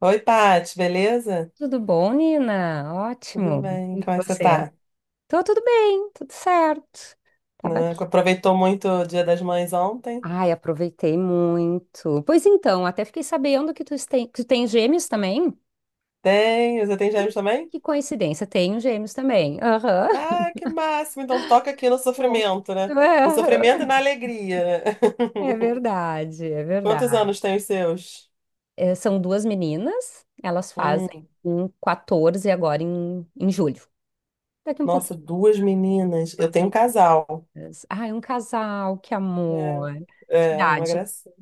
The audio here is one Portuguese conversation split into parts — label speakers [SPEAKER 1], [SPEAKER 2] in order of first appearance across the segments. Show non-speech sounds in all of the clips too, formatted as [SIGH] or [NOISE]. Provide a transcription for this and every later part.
[SPEAKER 1] Oi, Paty, beleza?
[SPEAKER 2] Tudo bom, Nina?
[SPEAKER 1] Tudo
[SPEAKER 2] Ótimo.
[SPEAKER 1] bem?
[SPEAKER 2] E
[SPEAKER 1] Como é que você
[SPEAKER 2] você?
[SPEAKER 1] tá?
[SPEAKER 2] Tô tudo bem, tudo certo. Tava
[SPEAKER 1] Né,
[SPEAKER 2] aqui.
[SPEAKER 1] aproveitou muito o Dia das Mães ontem?
[SPEAKER 2] Ai, aproveitei muito. Pois então, até fiquei sabendo que tu tem gêmeos também.
[SPEAKER 1] Tem, você tem
[SPEAKER 2] Hum.
[SPEAKER 1] gêmeos também?
[SPEAKER 2] Que coincidência, tenho gêmeos também. Aham.
[SPEAKER 1] Ah, que máximo! Então toca aqui no
[SPEAKER 2] Bom.
[SPEAKER 1] sofrimento, né? No sofrimento e
[SPEAKER 2] Aham.
[SPEAKER 1] na alegria, né?
[SPEAKER 2] É verdade, é
[SPEAKER 1] [LAUGHS] Quantos
[SPEAKER 2] verdade.
[SPEAKER 1] anos tem os seus?
[SPEAKER 2] É, são duas meninas, elas fazem
[SPEAKER 1] Hum,
[SPEAKER 2] um 14 agora em julho. Daqui um
[SPEAKER 1] nossa,
[SPEAKER 2] pouquinho,
[SPEAKER 1] duas meninas.
[SPEAKER 2] duas
[SPEAKER 1] Eu tenho um casal.
[SPEAKER 2] meninas. Ai, um casal, que
[SPEAKER 1] É,
[SPEAKER 2] amor. Que
[SPEAKER 1] é uma
[SPEAKER 2] idade?
[SPEAKER 1] gracinha.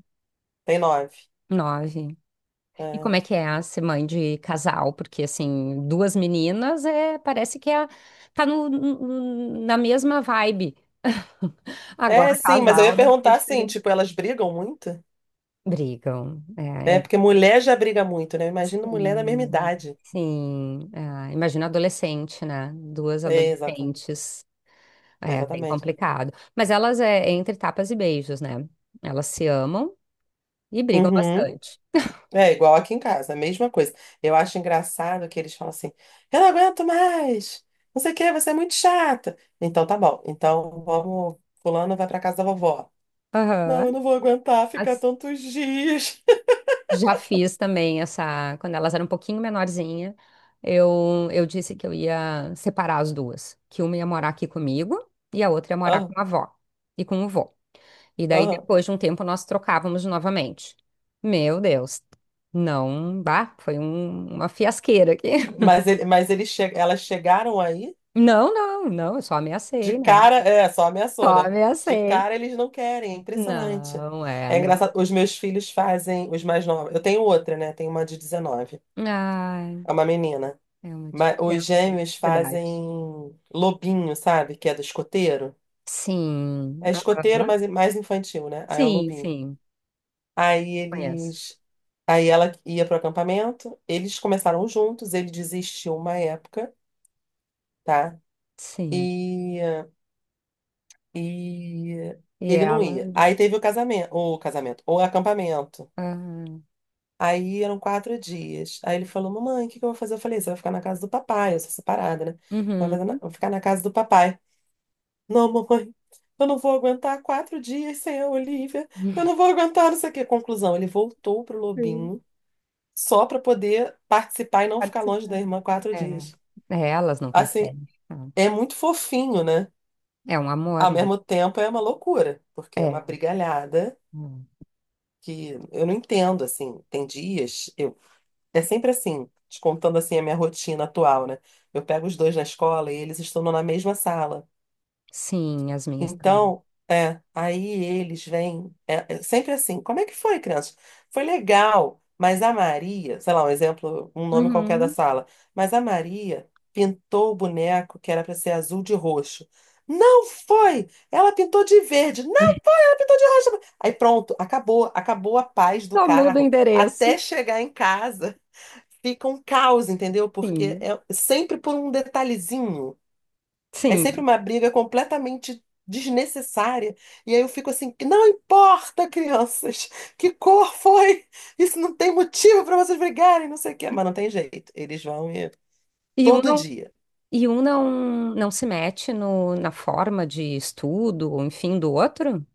[SPEAKER 1] Tem nove.
[SPEAKER 2] Nove. E
[SPEAKER 1] É.
[SPEAKER 2] como é que é a ser mãe de casal? Porque, assim, duas meninas é, parece que é, tá na mesma vibe. [LAUGHS]
[SPEAKER 1] É,
[SPEAKER 2] Agora,
[SPEAKER 1] sim, mas eu ia
[SPEAKER 2] casal, né? É
[SPEAKER 1] perguntar assim,
[SPEAKER 2] diferente.
[SPEAKER 1] tipo, elas brigam muito?
[SPEAKER 2] Brigam.
[SPEAKER 1] É, porque mulher já briga muito, né? Imagina mulher da mesma
[SPEAKER 2] Sim,
[SPEAKER 1] idade.
[SPEAKER 2] sim. É, imagina adolescente, né? Duas
[SPEAKER 1] É, exatamente.
[SPEAKER 2] adolescentes. É bem
[SPEAKER 1] Exatamente.
[SPEAKER 2] complicado. Mas elas é entre tapas e beijos, né? Elas se amam e brigam
[SPEAKER 1] Uhum.
[SPEAKER 2] bastante.
[SPEAKER 1] É igual aqui em casa, a mesma coisa. Eu acho engraçado que eles falam assim: eu não aguento mais, não sei o que, você é muito chata. Então tá bom, então vamos, fulano vai pra casa da vovó. Não,
[SPEAKER 2] Aham.
[SPEAKER 1] eu não vou aguentar ficar tantos dias.
[SPEAKER 2] Já fiz também essa. Quando elas eram um pouquinho menorzinha, eu disse que eu ia separar as duas. Que uma ia morar aqui comigo e a outra ia
[SPEAKER 1] [LAUGHS]
[SPEAKER 2] morar com
[SPEAKER 1] Aham,
[SPEAKER 2] a avó e com o vô. E daí,
[SPEAKER 1] aham.
[SPEAKER 2] depois de um tempo, nós trocávamos novamente. Meu Deus. Não, bah, foi uma fiasqueira aqui. [LAUGHS]
[SPEAKER 1] Mas, ele, mas eles che elas chegaram aí,
[SPEAKER 2] Não, não, não, eu só
[SPEAKER 1] de
[SPEAKER 2] ameacei, né?
[SPEAKER 1] cara, é, só ameaçou,
[SPEAKER 2] Só
[SPEAKER 1] né? De
[SPEAKER 2] ameacei.
[SPEAKER 1] cara eles não querem, é impressionante.
[SPEAKER 2] Não, é,
[SPEAKER 1] É
[SPEAKER 2] não.
[SPEAKER 1] engraçado, os meus filhos fazem, os mais novos. Eu tenho outra, né? Tenho uma de 19,
[SPEAKER 2] Ai,
[SPEAKER 1] é uma menina.
[SPEAKER 2] é uma
[SPEAKER 1] Mas os
[SPEAKER 2] diferença, hein?
[SPEAKER 1] gêmeos
[SPEAKER 2] Verdade.
[SPEAKER 1] fazem lobinho, sabe? Que é do escoteiro.
[SPEAKER 2] Sim.
[SPEAKER 1] É escoteiro,
[SPEAKER 2] Aham.
[SPEAKER 1] mas é mais infantil, né? Aí é o
[SPEAKER 2] Sim,
[SPEAKER 1] lobinho.
[SPEAKER 2] sim.
[SPEAKER 1] Aí
[SPEAKER 2] Conheço.
[SPEAKER 1] eles. Aí ela ia pro acampamento, eles começaram juntos, ele desistiu uma época, tá?
[SPEAKER 2] Sim.
[SPEAKER 1] E, e
[SPEAKER 2] E
[SPEAKER 1] ele não
[SPEAKER 2] ela.
[SPEAKER 1] ia. Aí teve o casamento, o casamento, o acampamento.
[SPEAKER 2] Ah,
[SPEAKER 1] Aí eram 4 dias. Aí ele falou: Mamãe, o que que eu vou fazer? Eu falei: Você vai ficar na casa do papai, eu sou separada, né? Vai fazer na-
[SPEAKER 2] uhum.
[SPEAKER 1] vai ficar na casa do papai. Não, mamãe, eu não vou aguentar 4 dias sem a Olivia. Eu não vou aguentar não sei o quê. Conclusão, ele voltou pro
[SPEAKER 2] Sim.
[SPEAKER 1] Lobinho só para poder participar e não ficar longe da
[SPEAKER 2] Participando.
[SPEAKER 1] irmã quatro
[SPEAKER 2] É.
[SPEAKER 1] dias.
[SPEAKER 2] É, elas não
[SPEAKER 1] Assim,
[SPEAKER 2] conseguem. Não.
[SPEAKER 1] é muito fofinho, né?
[SPEAKER 2] É um amor,
[SPEAKER 1] Ao
[SPEAKER 2] né?
[SPEAKER 1] mesmo tempo é uma loucura, porque é uma
[SPEAKER 2] É.
[SPEAKER 1] brigalhada
[SPEAKER 2] Hum.
[SPEAKER 1] que eu não entendo, assim. Tem dias, eu é sempre assim, te contando assim a minha rotina atual, né? Eu pego os dois na escola e eles estão na mesma sala.
[SPEAKER 2] Sim, as minhas também.
[SPEAKER 1] Então, é, aí eles vêm, é, é sempre assim, como é que foi, crianças? Foi legal, mas a Maria, sei lá, um exemplo, um nome qualquer da
[SPEAKER 2] Uhum.
[SPEAKER 1] sala, mas a Maria pintou o boneco que era para ser azul de roxo. Não foi! Ela pintou de verde, não, ela pintou de roxo. Aí pronto, acabou, acabou a paz do
[SPEAKER 2] Só muda o
[SPEAKER 1] carro.
[SPEAKER 2] endereço.
[SPEAKER 1] Até chegar em casa, fica um caos, entendeu? Porque
[SPEAKER 2] Sim.
[SPEAKER 1] é sempre por um detalhezinho. É sempre
[SPEAKER 2] Sim.
[SPEAKER 1] uma briga completamente desnecessária. E aí eu fico assim, que não importa, crianças, que cor foi? Isso não tem motivo para vocês brigarem, não sei o quê. Mas não tem jeito. Eles vão e
[SPEAKER 2] E um
[SPEAKER 1] todo
[SPEAKER 2] não,
[SPEAKER 1] dia.
[SPEAKER 2] e um não, não se mete no, na forma de estudo, ou enfim, do outro?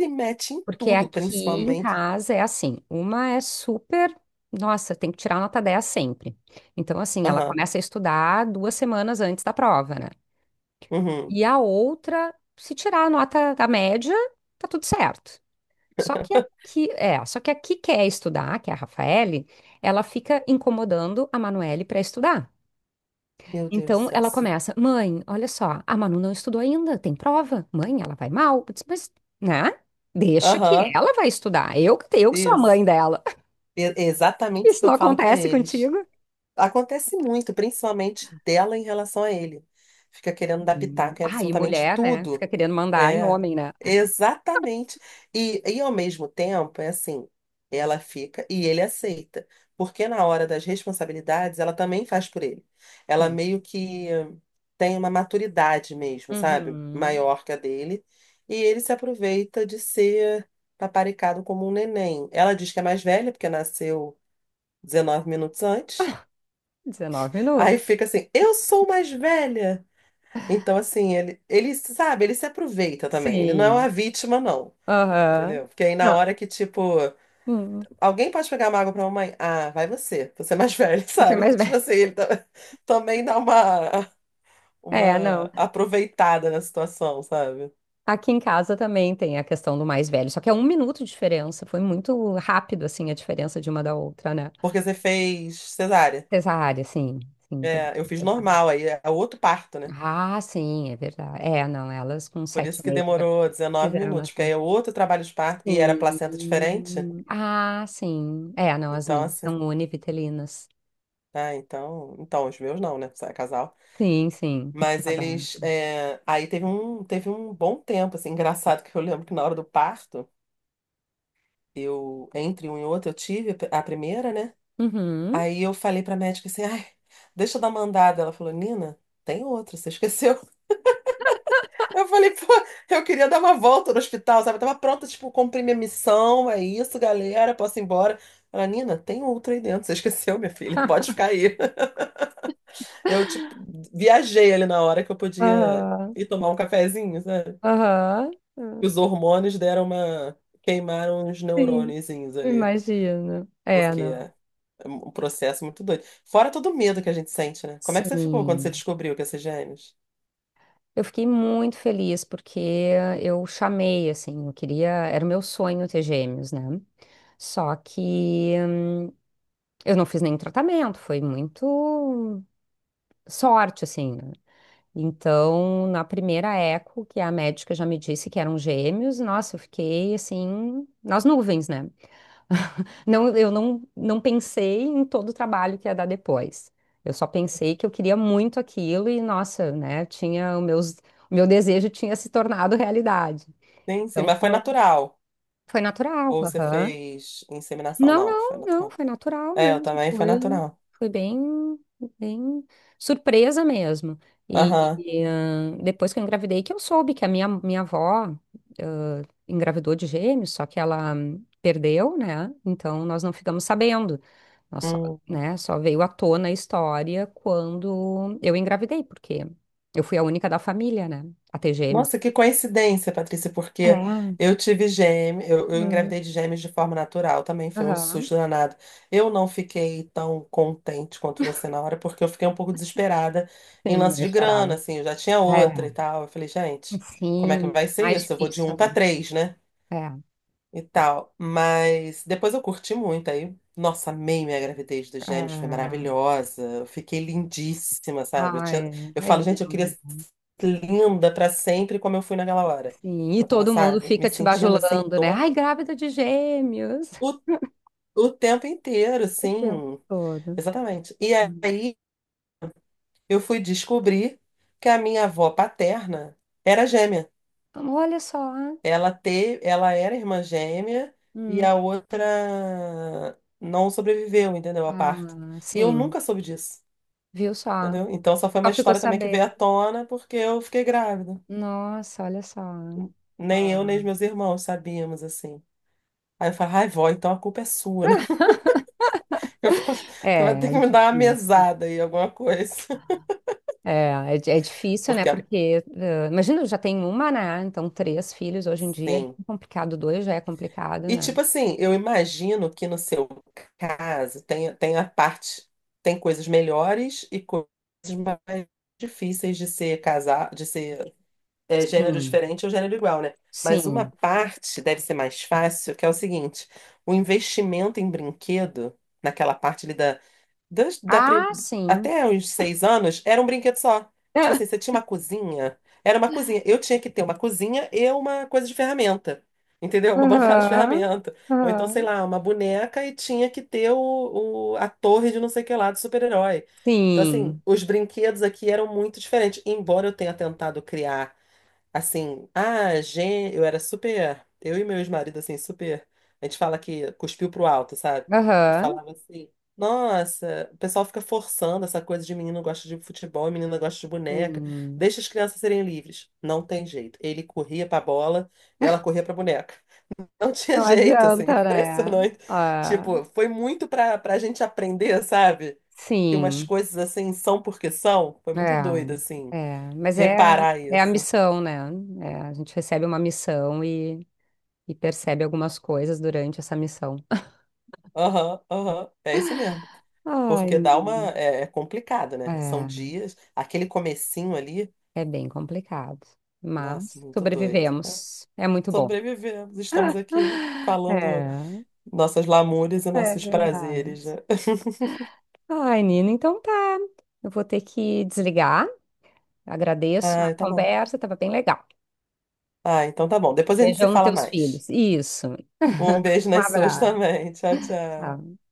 [SPEAKER 1] Se mete em
[SPEAKER 2] Porque
[SPEAKER 1] tudo,
[SPEAKER 2] aqui em
[SPEAKER 1] principalmente.
[SPEAKER 2] casa é assim, uma é super, nossa, tem que tirar nota 10 sempre. Então, assim, ela
[SPEAKER 1] Aham.
[SPEAKER 2] começa a estudar duas semanas antes da prova, né?
[SPEAKER 1] Uhum.
[SPEAKER 2] E a outra, se tirar a nota da média, tá tudo certo. Só que aqui quer estudar, que é a Rafaele, ela fica incomodando a Manuele para estudar.
[SPEAKER 1] Meu Deus do
[SPEAKER 2] Então
[SPEAKER 1] céu,
[SPEAKER 2] ela
[SPEAKER 1] sim.
[SPEAKER 2] começa, mãe, olha só, a Manu não estudou ainda, tem prova. Mãe, ela vai mal. Eu disse, mas, né? Deixa que
[SPEAKER 1] Aham.
[SPEAKER 2] ela vai estudar. Eu que sou a
[SPEAKER 1] Isso.
[SPEAKER 2] mãe dela. [LAUGHS]
[SPEAKER 1] Exatamente o que
[SPEAKER 2] Isso
[SPEAKER 1] eu
[SPEAKER 2] não
[SPEAKER 1] falo para
[SPEAKER 2] acontece
[SPEAKER 1] eles.
[SPEAKER 2] contigo?
[SPEAKER 1] Acontece muito, principalmente dela em relação a ele. Fica querendo dar
[SPEAKER 2] Hum.
[SPEAKER 1] pitaco em
[SPEAKER 2] Ah, e
[SPEAKER 1] absolutamente
[SPEAKER 2] mulher, né?
[SPEAKER 1] tudo.
[SPEAKER 2] Fica querendo mandar em
[SPEAKER 1] É,
[SPEAKER 2] homem, né?
[SPEAKER 1] exatamente. E ao mesmo tempo, é assim, ela fica e ele aceita. Porque na hora das responsabilidades, ela também faz por ele. Ela
[SPEAKER 2] Sim.
[SPEAKER 1] meio que tem uma maturidade mesmo, sabe?
[SPEAKER 2] Uhum.
[SPEAKER 1] Maior que a dele. E ele se aproveita de ser paparicado como um neném. Ela diz que é mais velha, porque nasceu 19 minutos antes.
[SPEAKER 2] 19 minutos.
[SPEAKER 1] Aí fica assim, eu sou mais velha. Então, assim, ele sabe, ele se aproveita também. Ele não é uma
[SPEAKER 2] Sim.
[SPEAKER 1] vítima, não.
[SPEAKER 2] Aham.
[SPEAKER 1] Entendeu? Porque aí na
[SPEAKER 2] Não.
[SPEAKER 1] hora que, tipo,
[SPEAKER 2] Hum.
[SPEAKER 1] alguém pode pegar uma água pra mamãe? Ah, vai você. Você é mais velho, [LAUGHS]
[SPEAKER 2] Você é
[SPEAKER 1] sabe?
[SPEAKER 2] mais velho.
[SPEAKER 1] Tipo assim, também dá uma,
[SPEAKER 2] É,
[SPEAKER 1] uma
[SPEAKER 2] não.
[SPEAKER 1] aproveitada na situação, sabe?
[SPEAKER 2] Aqui em casa também tem a questão do mais velho, só que é um minuto de diferença. Foi muito rápido, assim, a diferença de uma da outra, né?
[SPEAKER 1] Porque você fez cesárea.
[SPEAKER 2] Cesárea, sim. Sim, teve
[SPEAKER 1] É, eu fiz
[SPEAKER 2] cesárea.
[SPEAKER 1] normal, aí é outro parto, né?
[SPEAKER 2] Ah, sim, é verdade. É, não, elas com
[SPEAKER 1] Por isso
[SPEAKER 2] sete
[SPEAKER 1] que
[SPEAKER 2] meses já
[SPEAKER 1] demorou 19
[SPEAKER 2] quiseram
[SPEAKER 1] minutos, porque aí
[SPEAKER 2] nascer.
[SPEAKER 1] é outro trabalho de parto e era placenta diferente.
[SPEAKER 2] Sim. Ah, sim. É, não, as
[SPEAKER 1] Então,
[SPEAKER 2] minhas
[SPEAKER 1] assim,
[SPEAKER 2] são univitelinas.
[SPEAKER 1] ah, então, os meus não, né? Só é casal.
[SPEAKER 2] Sim, sim.
[SPEAKER 1] Mas
[SPEAKER 2] Cada um.
[SPEAKER 1] eles, é, aí teve um bom tempo, assim, engraçado que eu lembro que na hora do parto, eu, entre um e outro, eu tive a primeira, né?
[SPEAKER 2] Uhum.
[SPEAKER 1] Aí eu falei pra médica assim, ai, deixa eu dar uma andada. Ela falou, Nina, tem outra, você esqueceu. [LAUGHS] Eu falei, pô, eu queria dar uma volta no hospital, sabe? Eu tava pronta, tipo, cumprir minha missão, é isso, galera, posso ir embora. Ela, Nina, tem outra aí dentro, você esqueceu, minha filha, pode ficar aí. [LAUGHS] Eu, tipo, viajei ali na hora que eu podia
[SPEAKER 2] Aham.
[SPEAKER 1] ir tomar um cafezinho, sabe?
[SPEAKER 2] Aham. Aham.
[SPEAKER 1] Os hormônios deram uma... queimaram os
[SPEAKER 2] Sim.
[SPEAKER 1] neurôniozinhos ali,
[SPEAKER 2] Imagino. É,
[SPEAKER 1] porque...
[SPEAKER 2] não.
[SPEAKER 1] é um processo muito doido. Fora todo o medo que a gente sente, né? Como é que você ficou quando você
[SPEAKER 2] Sim.
[SPEAKER 1] descobriu que ia ser gêmeos?
[SPEAKER 2] Eu fiquei muito feliz porque eu chamei, assim, eu queria, era o meu sonho ter gêmeos, né? Só que eu não fiz nenhum tratamento, foi muito sorte, assim, né? Então, na primeira eco, que a médica já me disse que eram gêmeos, nossa, eu fiquei assim, nas nuvens, né? [LAUGHS] Não, eu não pensei em todo o trabalho que ia dar depois. Eu só pensei que eu queria muito aquilo e, nossa, né, tinha o meu desejo tinha se tornado realidade.
[SPEAKER 1] Sim, sim,
[SPEAKER 2] Então
[SPEAKER 1] mas foi
[SPEAKER 2] foi,
[SPEAKER 1] natural.
[SPEAKER 2] foi natural.
[SPEAKER 1] Ou você
[SPEAKER 2] Aham.
[SPEAKER 1] fez inseminação?
[SPEAKER 2] Não,
[SPEAKER 1] Não, foi
[SPEAKER 2] não, não,
[SPEAKER 1] natural.
[SPEAKER 2] foi natural
[SPEAKER 1] É, eu
[SPEAKER 2] mesmo,
[SPEAKER 1] também foi
[SPEAKER 2] foi,
[SPEAKER 1] natural.
[SPEAKER 2] foi bem surpresa mesmo. E,
[SPEAKER 1] Aham.
[SPEAKER 2] e, depois que eu engravidei, que eu soube que a minha avó, engravidou de gêmeos, só que ela perdeu, né? Então nós não ficamos sabendo. Nós só,
[SPEAKER 1] Hum.
[SPEAKER 2] né, só veio à tona a história quando eu engravidei, porque eu fui a única da família, né, a ter gêmeos.
[SPEAKER 1] Nossa, que coincidência, Patrícia, porque
[SPEAKER 2] É.
[SPEAKER 1] eu tive gêmeos, eu
[SPEAKER 2] Hum.
[SPEAKER 1] engravidei de gêmeos de forma natural também, foi um
[SPEAKER 2] Aham.
[SPEAKER 1] susto danado. Eu não fiquei tão contente quanto você na hora, porque eu fiquei um pouco desesperada em
[SPEAKER 2] Sim,
[SPEAKER 1] lance
[SPEAKER 2] não
[SPEAKER 1] de grana,
[SPEAKER 2] esperava.
[SPEAKER 1] assim, eu já tinha
[SPEAKER 2] É.
[SPEAKER 1] outra e tal. Eu falei, gente, como é que
[SPEAKER 2] Sim,
[SPEAKER 1] vai ser
[SPEAKER 2] mais
[SPEAKER 1] isso? Eu vou de
[SPEAKER 2] difícil,
[SPEAKER 1] um
[SPEAKER 2] né?
[SPEAKER 1] para três, né?
[SPEAKER 2] É,
[SPEAKER 1] E tal. Mas depois eu curti muito aí. Nossa, amei minha gravidez dos gêmeos, foi
[SPEAKER 2] é,
[SPEAKER 1] maravilhosa. Eu fiquei lindíssima, sabe? Eu
[SPEAKER 2] ai,
[SPEAKER 1] tinha, eu
[SPEAKER 2] é é
[SPEAKER 1] falo, gente, eu queria
[SPEAKER 2] lindo.
[SPEAKER 1] ser linda pra sempre como eu fui naquela hora.
[SPEAKER 2] Sim, e
[SPEAKER 1] Eu tava,
[SPEAKER 2] todo mundo
[SPEAKER 1] sabe, me
[SPEAKER 2] fica te
[SPEAKER 1] sentindo assim,
[SPEAKER 2] bajulando, né?
[SPEAKER 1] tom,
[SPEAKER 2] Ai, grávida de gêmeos.
[SPEAKER 1] o, o tempo inteiro,
[SPEAKER 2] O tempo
[SPEAKER 1] assim.
[SPEAKER 2] todo.
[SPEAKER 1] Exatamente. E aí eu fui descobrir que a minha avó paterna era gêmea.
[SPEAKER 2] Ah, olha só.
[SPEAKER 1] Ela teve, ela era irmã gêmea e a
[SPEAKER 2] Hum.
[SPEAKER 1] outra não sobreviveu, entendeu? A parto.
[SPEAKER 2] Ah,
[SPEAKER 1] E eu
[SPEAKER 2] sim,
[SPEAKER 1] nunca soube disso,
[SPEAKER 2] viu só?
[SPEAKER 1] entendeu? Então só foi
[SPEAKER 2] Só
[SPEAKER 1] uma
[SPEAKER 2] ficou
[SPEAKER 1] história também que veio à
[SPEAKER 2] sabendo.
[SPEAKER 1] tona porque eu fiquei grávida.
[SPEAKER 2] Nossa, olha só.
[SPEAKER 1] Nem eu, nem
[SPEAKER 2] Ah,
[SPEAKER 1] os meus irmãos sabíamos, assim. Aí eu falei, ai, vó, então a culpa é sua, né? [LAUGHS] Eu falava, você vai ter
[SPEAKER 2] é
[SPEAKER 1] que me dar uma
[SPEAKER 2] difícil.
[SPEAKER 1] mesada aí, alguma coisa. [LAUGHS]
[SPEAKER 2] É difícil, né?
[SPEAKER 1] Porque,
[SPEAKER 2] Porque, imagina, eu já tenho uma, né? Então, três filhos hoje em dia é bem
[SPEAKER 1] sim.
[SPEAKER 2] complicado, dois já é complicado,
[SPEAKER 1] E
[SPEAKER 2] né?
[SPEAKER 1] tipo assim, eu imagino que no seu caso tem, tem a parte, tem coisas melhores e coisas mais difíceis de ser casar, de ser é, gênero
[SPEAKER 2] Sim,
[SPEAKER 1] diferente ou gênero igual, né? Mas uma
[SPEAKER 2] sim.
[SPEAKER 1] parte deve ser mais fácil, que é o seguinte, o investimento em brinquedo, naquela parte ali da das- da pri-
[SPEAKER 2] Ah, sim.
[SPEAKER 1] até uns 6 anos, era um brinquedo só. Tipo assim,
[SPEAKER 2] [LAUGHS]
[SPEAKER 1] você tinha uma cozinha, era uma cozinha. Eu tinha que ter uma cozinha e uma coisa de ferramenta, entendeu? Uma [LAUGHS] bancada de
[SPEAKER 2] Aham,
[SPEAKER 1] ferramenta. Ou então, sei
[SPEAKER 2] aham.
[SPEAKER 1] lá, uma boneca e tinha que ter o, a torre de não sei o que lá, do super-herói. Então, assim,
[SPEAKER 2] Sim,
[SPEAKER 1] os brinquedos aqui eram muito diferentes. Embora eu tenha tentado criar assim, ah, gente, eu era super. Eu e meu ex-marido, assim, super. A gente fala que cuspiu pro alto, sabe? Que
[SPEAKER 2] aham.
[SPEAKER 1] falava assim: nossa, o pessoal fica forçando essa coisa de menino gosta de futebol e menina gosta de boneca.
[SPEAKER 2] Sim,
[SPEAKER 1] Deixa as crianças serem livres. Não tem jeito. Ele corria pra bola e ela corria pra boneca. [LAUGHS] Não tinha
[SPEAKER 2] não
[SPEAKER 1] jeito, assim, [LAUGHS]
[SPEAKER 2] adianta, né?
[SPEAKER 1] impressionante.
[SPEAKER 2] Ah,
[SPEAKER 1] Tipo, foi muito pra gente aprender, sabe? Que umas
[SPEAKER 2] sim.
[SPEAKER 1] coisas assim são porque são. Foi muito doido,
[SPEAKER 2] É,
[SPEAKER 1] assim,
[SPEAKER 2] é. Mas é,
[SPEAKER 1] reparar
[SPEAKER 2] é a
[SPEAKER 1] isso.
[SPEAKER 2] missão, né? É, a gente recebe uma missão e percebe algumas coisas durante essa missão. [LAUGHS]
[SPEAKER 1] Aham, aham, é isso mesmo.
[SPEAKER 2] Ai,
[SPEAKER 1] Porque dá uma.
[SPEAKER 2] menino.
[SPEAKER 1] É, é complicado, né? São
[SPEAKER 2] é,
[SPEAKER 1] dias. Aquele comecinho ali.
[SPEAKER 2] é bem complicado.
[SPEAKER 1] Nossa,
[SPEAKER 2] Mas
[SPEAKER 1] muito doido. É,
[SPEAKER 2] sobrevivemos. É muito bom.
[SPEAKER 1] sobrevivemos, estamos aqui falando
[SPEAKER 2] É.
[SPEAKER 1] nossas lamúrias e
[SPEAKER 2] É
[SPEAKER 1] nossos
[SPEAKER 2] verdade.
[SPEAKER 1] prazeres, né? [LAUGHS]
[SPEAKER 2] Ai, Nina, então tá. Eu vou ter que desligar. Agradeço a
[SPEAKER 1] Ah, tá bom.
[SPEAKER 2] conversa, estava bem legal.
[SPEAKER 1] Ah, então tá bom. Depois a gente se
[SPEAKER 2] Beijão nos
[SPEAKER 1] fala
[SPEAKER 2] teus
[SPEAKER 1] mais.
[SPEAKER 2] filhos. Isso.
[SPEAKER 1] Um beijo
[SPEAKER 2] Um
[SPEAKER 1] nas suas
[SPEAKER 2] abraço.
[SPEAKER 1] também. Tchau, tchau.
[SPEAKER 2] Tchau.